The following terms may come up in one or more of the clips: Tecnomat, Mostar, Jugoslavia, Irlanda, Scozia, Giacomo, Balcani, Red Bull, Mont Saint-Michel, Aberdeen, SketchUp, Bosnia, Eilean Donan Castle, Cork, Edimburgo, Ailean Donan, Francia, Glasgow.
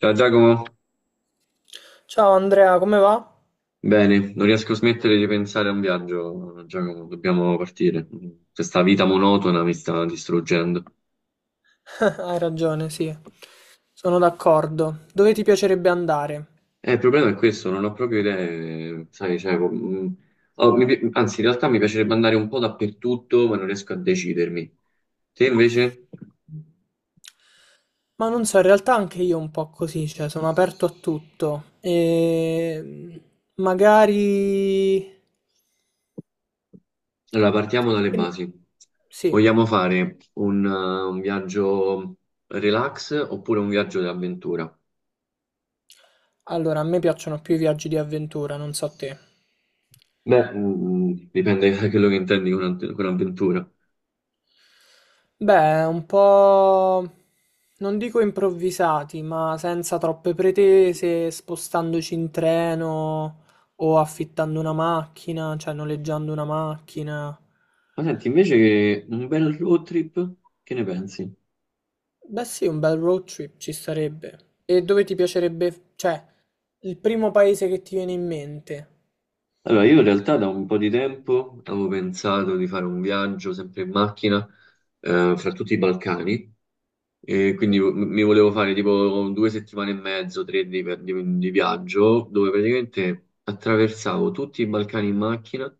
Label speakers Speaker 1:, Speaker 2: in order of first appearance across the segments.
Speaker 1: Ciao Giacomo,
Speaker 2: Ciao Andrea, come va?
Speaker 1: bene, non riesco a smettere di pensare a un viaggio, Giacomo, dobbiamo partire. Questa vita monotona mi sta distruggendo.
Speaker 2: Hai ragione, sì, sono d'accordo. Dove ti piacerebbe andare?
Speaker 1: Il problema è questo, non ho proprio idee, sai, cioè, oh, anzi, in realtà mi piacerebbe andare un po' dappertutto, ma non riesco a decidermi. Te invece?
Speaker 2: Ma non so, in realtà anche io un po' così, cioè sono aperto a tutto. E magari...
Speaker 1: Allora, partiamo dalle
Speaker 2: Sì,
Speaker 1: basi.
Speaker 2: sì,
Speaker 1: Vogliamo fare un viaggio relax oppure un viaggio d'avventura?
Speaker 2: allora a me piacciono più i viaggi di avventura, non so te.
Speaker 1: Beh, dipende da quello che intendi con avventura.
Speaker 2: Beh, un po' non dico improvvisati, ma senza troppe pretese, spostandoci in treno o affittando una macchina, cioè noleggiando una macchina.
Speaker 1: Ma senti, invece che un bel road trip, che ne pensi?
Speaker 2: Beh, sì, un bel road trip ci sarebbe. E dove ti piacerebbe, cioè, il primo paese che ti viene in mente?
Speaker 1: Allora, io in realtà da un po' di tempo avevo pensato di fare un viaggio sempre in macchina fra tutti i Balcani e quindi mi volevo fare tipo due settimane e mezzo, tre di viaggio dove praticamente attraversavo tutti i Balcani in macchina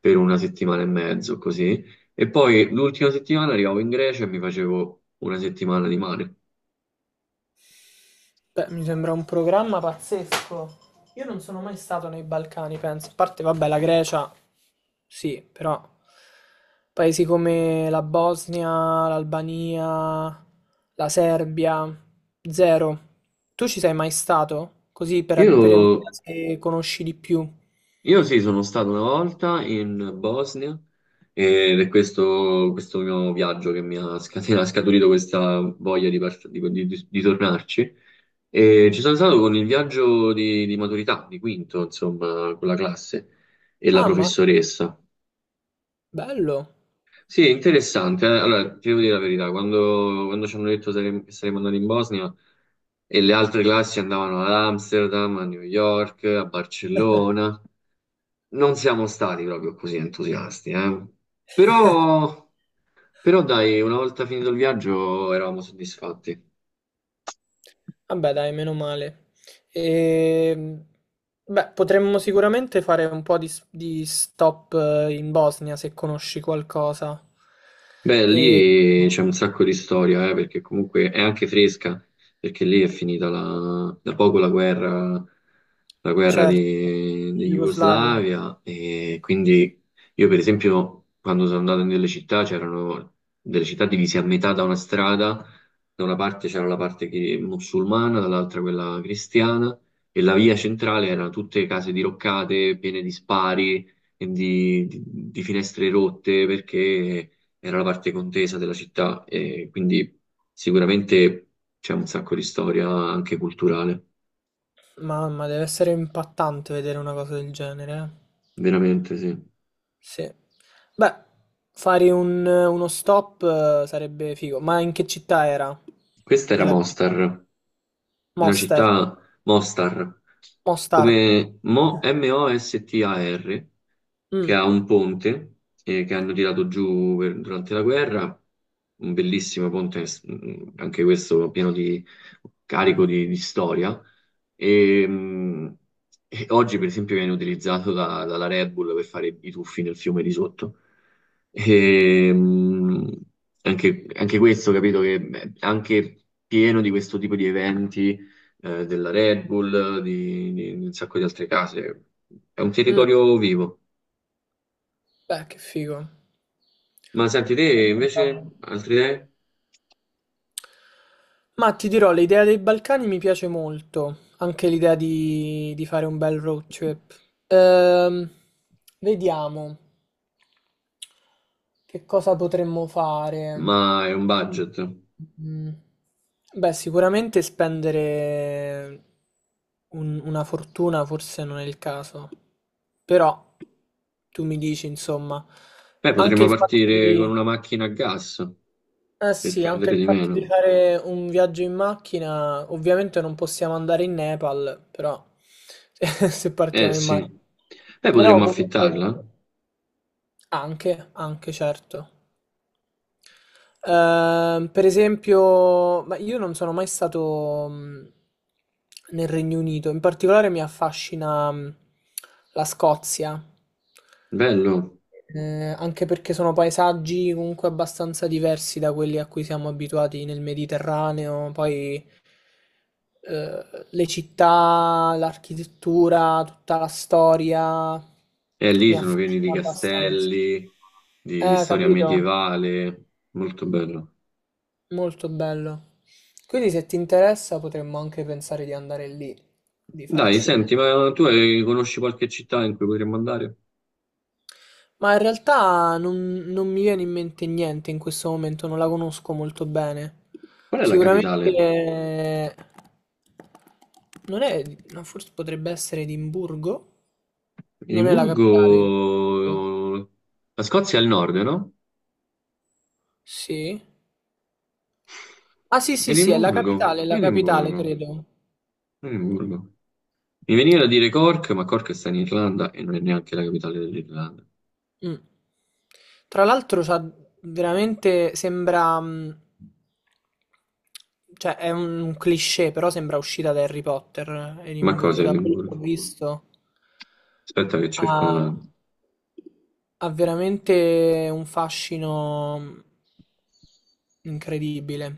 Speaker 1: per una settimana e mezzo così e poi l'ultima settimana arrivavo in Grecia e mi facevo una settimana di mare.
Speaker 2: Beh, mi sembra un programma pazzesco. Io non sono mai stato nei Balcani, penso. A parte, vabbè, la Grecia, sì, però paesi come la Bosnia, l'Albania, la Serbia, zero. Tu ci sei mai stato? Così per
Speaker 1: Io
Speaker 2: avere un'idea se conosci di più.
Speaker 1: Io sì, sono stato una volta in Bosnia ed è questo mio viaggio che mi ha ha scaturito questa voglia di, part- di tornarci. E ci sono stato con il viaggio di maturità, di quinto, insomma, con la classe e la
Speaker 2: Ah, ma
Speaker 1: professoressa.
Speaker 2: bello.
Speaker 1: Sì, è interessante. Allora, ti devo dire la verità, quando ci hanno detto che saremmo andati in Bosnia e le altre classi andavano ad Amsterdam, a New York, a Barcellona. Non siamo stati proprio così entusiasti, eh. Però, dai, una volta finito il viaggio eravamo soddisfatti.
Speaker 2: Vabbè, dai, meno male. Ehm, beh, potremmo sicuramente fare un po' di, di stop in Bosnia se conosci qualcosa.
Speaker 1: Beh,
Speaker 2: E
Speaker 1: lì c'è un sacco di storia, perché comunque è anche fresca, perché lì è finita da poco la guerra
Speaker 2: certo,
Speaker 1: di
Speaker 2: Jugoslavia.
Speaker 1: Jugoslavia e quindi io per esempio quando sono andato nelle città c'erano delle città divise a metà da una strada, da una parte c'era la parte musulmana, dall'altra quella cristiana e la via centrale erano tutte case diroccate, piene di spari e di finestre rotte perché era la parte contesa della città e quindi sicuramente c'è un sacco di storia anche culturale.
Speaker 2: Mamma, deve essere impattante vedere una cosa del genere, eh.
Speaker 1: Veramente sì.
Speaker 2: Sì. Beh, fare uno stop sarebbe figo. Ma in che città era?
Speaker 1: Questa era
Speaker 2: Nella capitale?
Speaker 1: Mostar, una
Speaker 2: Mostar.
Speaker 1: città Mostar,
Speaker 2: Mostar.
Speaker 1: come M-O-S-T-A-R, che
Speaker 2: Mm,
Speaker 1: ha un ponte che hanno tirato giù durante la guerra, un bellissimo ponte, anche questo pieno di carico di storia. E, mh, e oggi, per esempio, viene utilizzato dalla Red Bull per fare i tuffi nel fiume di sotto. E, anche questo, capito, che beh, anche pieno di questo tipo di eventi della Red Bull, di un sacco di altre case. È un
Speaker 2: mm.
Speaker 1: territorio vivo.
Speaker 2: Beh, che figo.
Speaker 1: Ma senti, te invece, altre idee?
Speaker 2: Ma ti dirò, l'idea dei Balcani mi piace molto, anche l'idea di fare un bel road trip. Ehm, vediamo che cosa potremmo fare.
Speaker 1: Ma è un budget.
Speaker 2: Mm, beh, sicuramente spendere una fortuna forse non è il caso, però tu mi dici, insomma,
Speaker 1: Beh,
Speaker 2: anche
Speaker 1: potremmo
Speaker 2: il fatto
Speaker 1: partire
Speaker 2: di...
Speaker 1: con una macchina a gas
Speaker 2: Eh
Speaker 1: per
Speaker 2: sì, anche
Speaker 1: spendere
Speaker 2: il
Speaker 1: di
Speaker 2: fatto di
Speaker 1: meno.
Speaker 2: fare un viaggio in macchina, ovviamente non possiamo andare in Nepal, però se
Speaker 1: Eh
Speaker 2: partiamo in
Speaker 1: sì,
Speaker 2: macchina.
Speaker 1: beh
Speaker 2: Però
Speaker 1: potremmo
Speaker 2: comunque
Speaker 1: affittarla,
Speaker 2: anche, anche certo. Per esempio, ma io non sono mai stato nel Regno Unito, in particolare mi affascina la Scozia,
Speaker 1: bello,
Speaker 2: anche perché sono paesaggi comunque abbastanza diversi da quelli a cui siamo abituati nel Mediterraneo, poi eh, le città, l'architettura, tutta la storia
Speaker 1: e lì
Speaker 2: mi
Speaker 1: sono pieni di
Speaker 2: affascina abbastanza.
Speaker 1: castelli, di storia
Speaker 2: Capito?
Speaker 1: medievale, molto bello.
Speaker 2: Molto bello. Quindi se ti interessa potremmo anche pensare di andare lì, di
Speaker 1: Dai,
Speaker 2: farci un...
Speaker 1: senti, ma tu conosci qualche città in cui potremmo andare?
Speaker 2: Ma in realtà non mi viene in mente niente in questo momento, non la conosco molto bene.
Speaker 1: Qual è la capitale?
Speaker 2: Sicuramente non è, no, forse potrebbe essere Edimburgo? Non è la capitale.
Speaker 1: Edimburgo, la Scozia è al nord, no?
Speaker 2: Sì. Ah sì sì sì,
Speaker 1: Edimburgo,
Speaker 2: è la capitale
Speaker 1: Edimburgo,
Speaker 2: credo.
Speaker 1: Edimburgo. Mi veniva da dire Cork, ma Cork sta in Irlanda e non è neanche la capitale dell'Irlanda.
Speaker 2: Mm. Tra l'altro, c'ha veramente sembra. Cioè, è un cliché, però sembra uscita da Harry Potter,
Speaker 1: Ma cosa
Speaker 2: Edimburgo,
Speaker 1: è
Speaker 2: da quello che ho
Speaker 1: Edimburgo?
Speaker 2: visto.
Speaker 1: Aspetta che
Speaker 2: Ha,
Speaker 1: cerco online.
Speaker 2: ha veramente un fascino incredibile.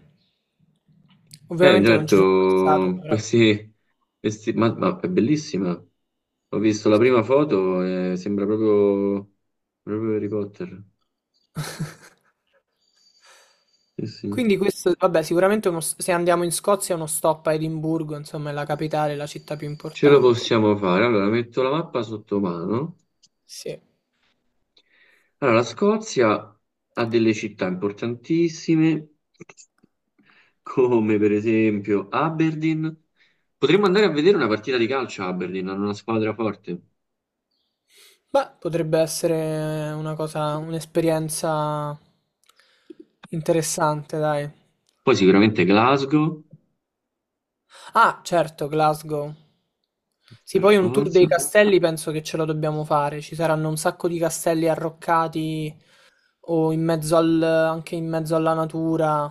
Speaker 2: Ovviamente non ci sono mai stato,
Speaker 1: Certo,
Speaker 2: però
Speaker 1: ma, è bellissima. Ho visto la
Speaker 2: sì.
Speaker 1: prima foto e sembra proprio, proprio Harry Potter. Sì, sì.
Speaker 2: Quindi questo, vabbè, sicuramente se andiamo in Scozia uno stop a Edimburgo, insomma, è la capitale, la città più
Speaker 1: Ce lo
Speaker 2: importante.
Speaker 1: possiamo fare. Allora, metto la mappa sotto mano.
Speaker 2: Sì.
Speaker 1: Allora, la Scozia ha delle città importantissime, come per esempio Aberdeen. Potremmo andare a vedere una partita di calcio a Aberdeen, hanno una squadra forte.
Speaker 2: Beh, potrebbe essere una cosa, un'esperienza interessante, dai.
Speaker 1: Poi sicuramente Glasgow,
Speaker 2: Ah, certo, Glasgow. Sì,
Speaker 1: per
Speaker 2: poi un tour dei
Speaker 1: forza.
Speaker 2: castelli penso che ce lo dobbiamo fare. Ci saranno un sacco di castelli arroccati o in mezzo al, anche in mezzo alla natura.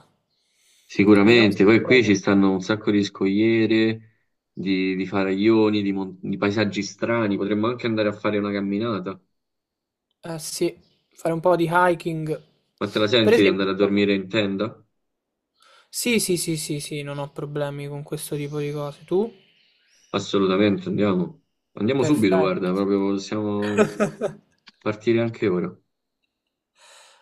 Speaker 2: Vediamo
Speaker 1: Sicuramente,
Speaker 2: se lo
Speaker 1: poi qui
Speaker 2: trovo.
Speaker 1: ci stanno un sacco di scogliere, di faraglioni, di paesaggi strani, potremmo anche andare a fare una camminata.
Speaker 2: Eh sì, fare un po' di hiking.
Speaker 1: Ma te la
Speaker 2: Per
Speaker 1: senti di andare a
Speaker 2: esempio,
Speaker 1: dormire in tenda?
Speaker 2: sì, sì, sì, sì, sì, non ho problemi con questo tipo di cose. Tu?
Speaker 1: Assolutamente, andiamo. Andiamo subito,
Speaker 2: Perfetto.
Speaker 1: guarda, proprio possiamo partire anche ora.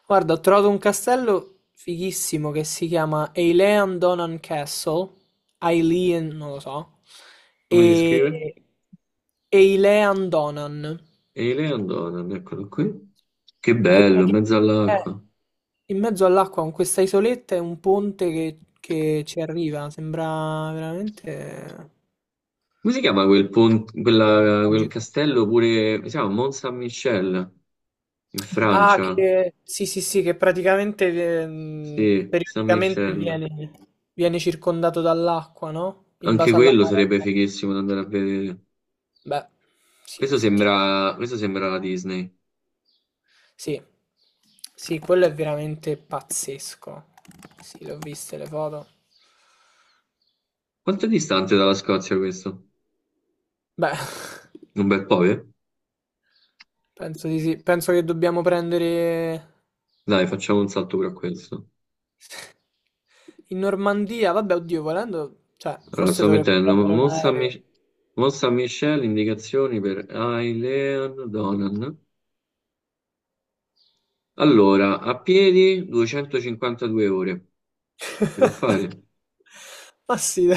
Speaker 2: Guarda, ho trovato un castello fighissimo che si chiama Eilean Donan Castle. Eilean, non lo so.
Speaker 1: Come si scrive?
Speaker 2: E... Eilean Donan,
Speaker 1: Eile Andonan, eccolo qui. Che
Speaker 2: che
Speaker 1: bello, in
Speaker 2: praticamente
Speaker 1: mezzo
Speaker 2: è
Speaker 1: all'acqua. Come
Speaker 2: in mezzo all'acqua con questa isoletta e un ponte che ci arriva. Sembra veramente...
Speaker 1: si chiama quel
Speaker 2: Logico.
Speaker 1: castello pure, si chiama Mont Saint-Michel, in
Speaker 2: Ah,
Speaker 1: Francia?
Speaker 2: che sì, sì, sì, che praticamente
Speaker 1: Sì, San
Speaker 2: periodicamente
Speaker 1: Michel.
Speaker 2: viene, viene circondato dall'acqua, no? In
Speaker 1: Anche
Speaker 2: base alla
Speaker 1: quello
Speaker 2: marea.
Speaker 1: sarebbe fighissimo da andare a vedere.
Speaker 2: Beh, sì,
Speaker 1: Questo
Speaker 2: effettivamente.
Speaker 1: sembra, questo sembra la Disney.
Speaker 2: Sì, sì, quello è veramente pazzesco. Sì, l'ho viste le foto.
Speaker 1: Quanto è distante dalla Scozia questo?
Speaker 2: Beh,
Speaker 1: Un bel po', eh?
Speaker 2: penso di sì. Penso che dobbiamo prendere
Speaker 1: Dai, facciamo un salto per questo.
Speaker 2: in Normandia. Vabbè, oddio, volendo, cioè,
Speaker 1: Allora,
Speaker 2: forse
Speaker 1: sto
Speaker 2: dovremmo
Speaker 1: mettendo
Speaker 2: prendere un aereo.
Speaker 1: Mont Saint Michel, indicazioni per Ailean Donan. Allora, a piedi 252 ore. Si può fare?
Speaker 2: Ma sì, dai.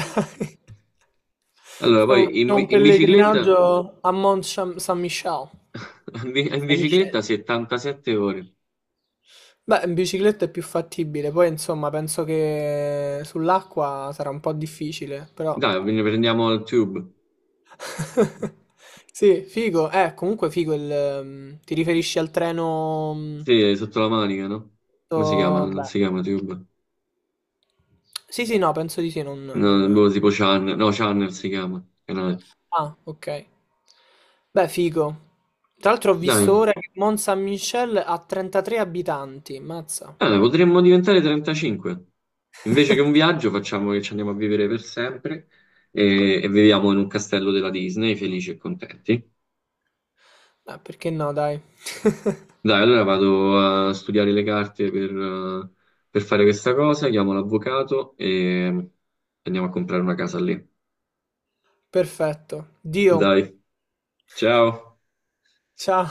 Speaker 1: Allora,
Speaker 2: Facciamo
Speaker 1: poi in,
Speaker 2: facciamo
Speaker 1: bi-
Speaker 2: un
Speaker 1: in bicicletta,
Speaker 2: pellegrinaggio a Mont Cham- San Michel.
Speaker 1: in
Speaker 2: San Michel.
Speaker 1: bicicletta 77 ore.
Speaker 2: Beh, in bicicletta è più fattibile, poi insomma penso che sull'acqua sarà un po' difficile, però...
Speaker 1: Dai, quindi prendiamo il tube.
Speaker 2: Sì, figo, comunque figo il... ti riferisci al treno... mm,
Speaker 1: Sì, sotto la manica, no? Come si chiama?
Speaker 2: to-
Speaker 1: Non
Speaker 2: Beh.
Speaker 1: si chiama Tube.
Speaker 2: Sì, sì, no, penso di sì, non...
Speaker 1: No,
Speaker 2: non...
Speaker 1: boh, tipo Channel. No, Channel si chiama. Canale.
Speaker 2: Ah, ok. Beh, figo. Tra l'altro ho
Speaker 1: Dai,
Speaker 2: visto ora che Mont Saint-Michel ha 33 abitanti, mazza.
Speaker 1: Potremmo diventare 35. Invece che un viaggio, facciamo che ci andiamo a vivere per sempre e viviamo in un castello della Disney, felici e contenti.
Speaker 2: Beh, perché no, dai.
Speaker 1: Dai, allora vado a studiare le carte per fare questa cosa, chiamo l'avvocato e andiamo a comprare una casa lì.
Speaker 2: Perfetto. Dio.
Speaker 1: Dai, ciao!
Speaker 2: Ciao.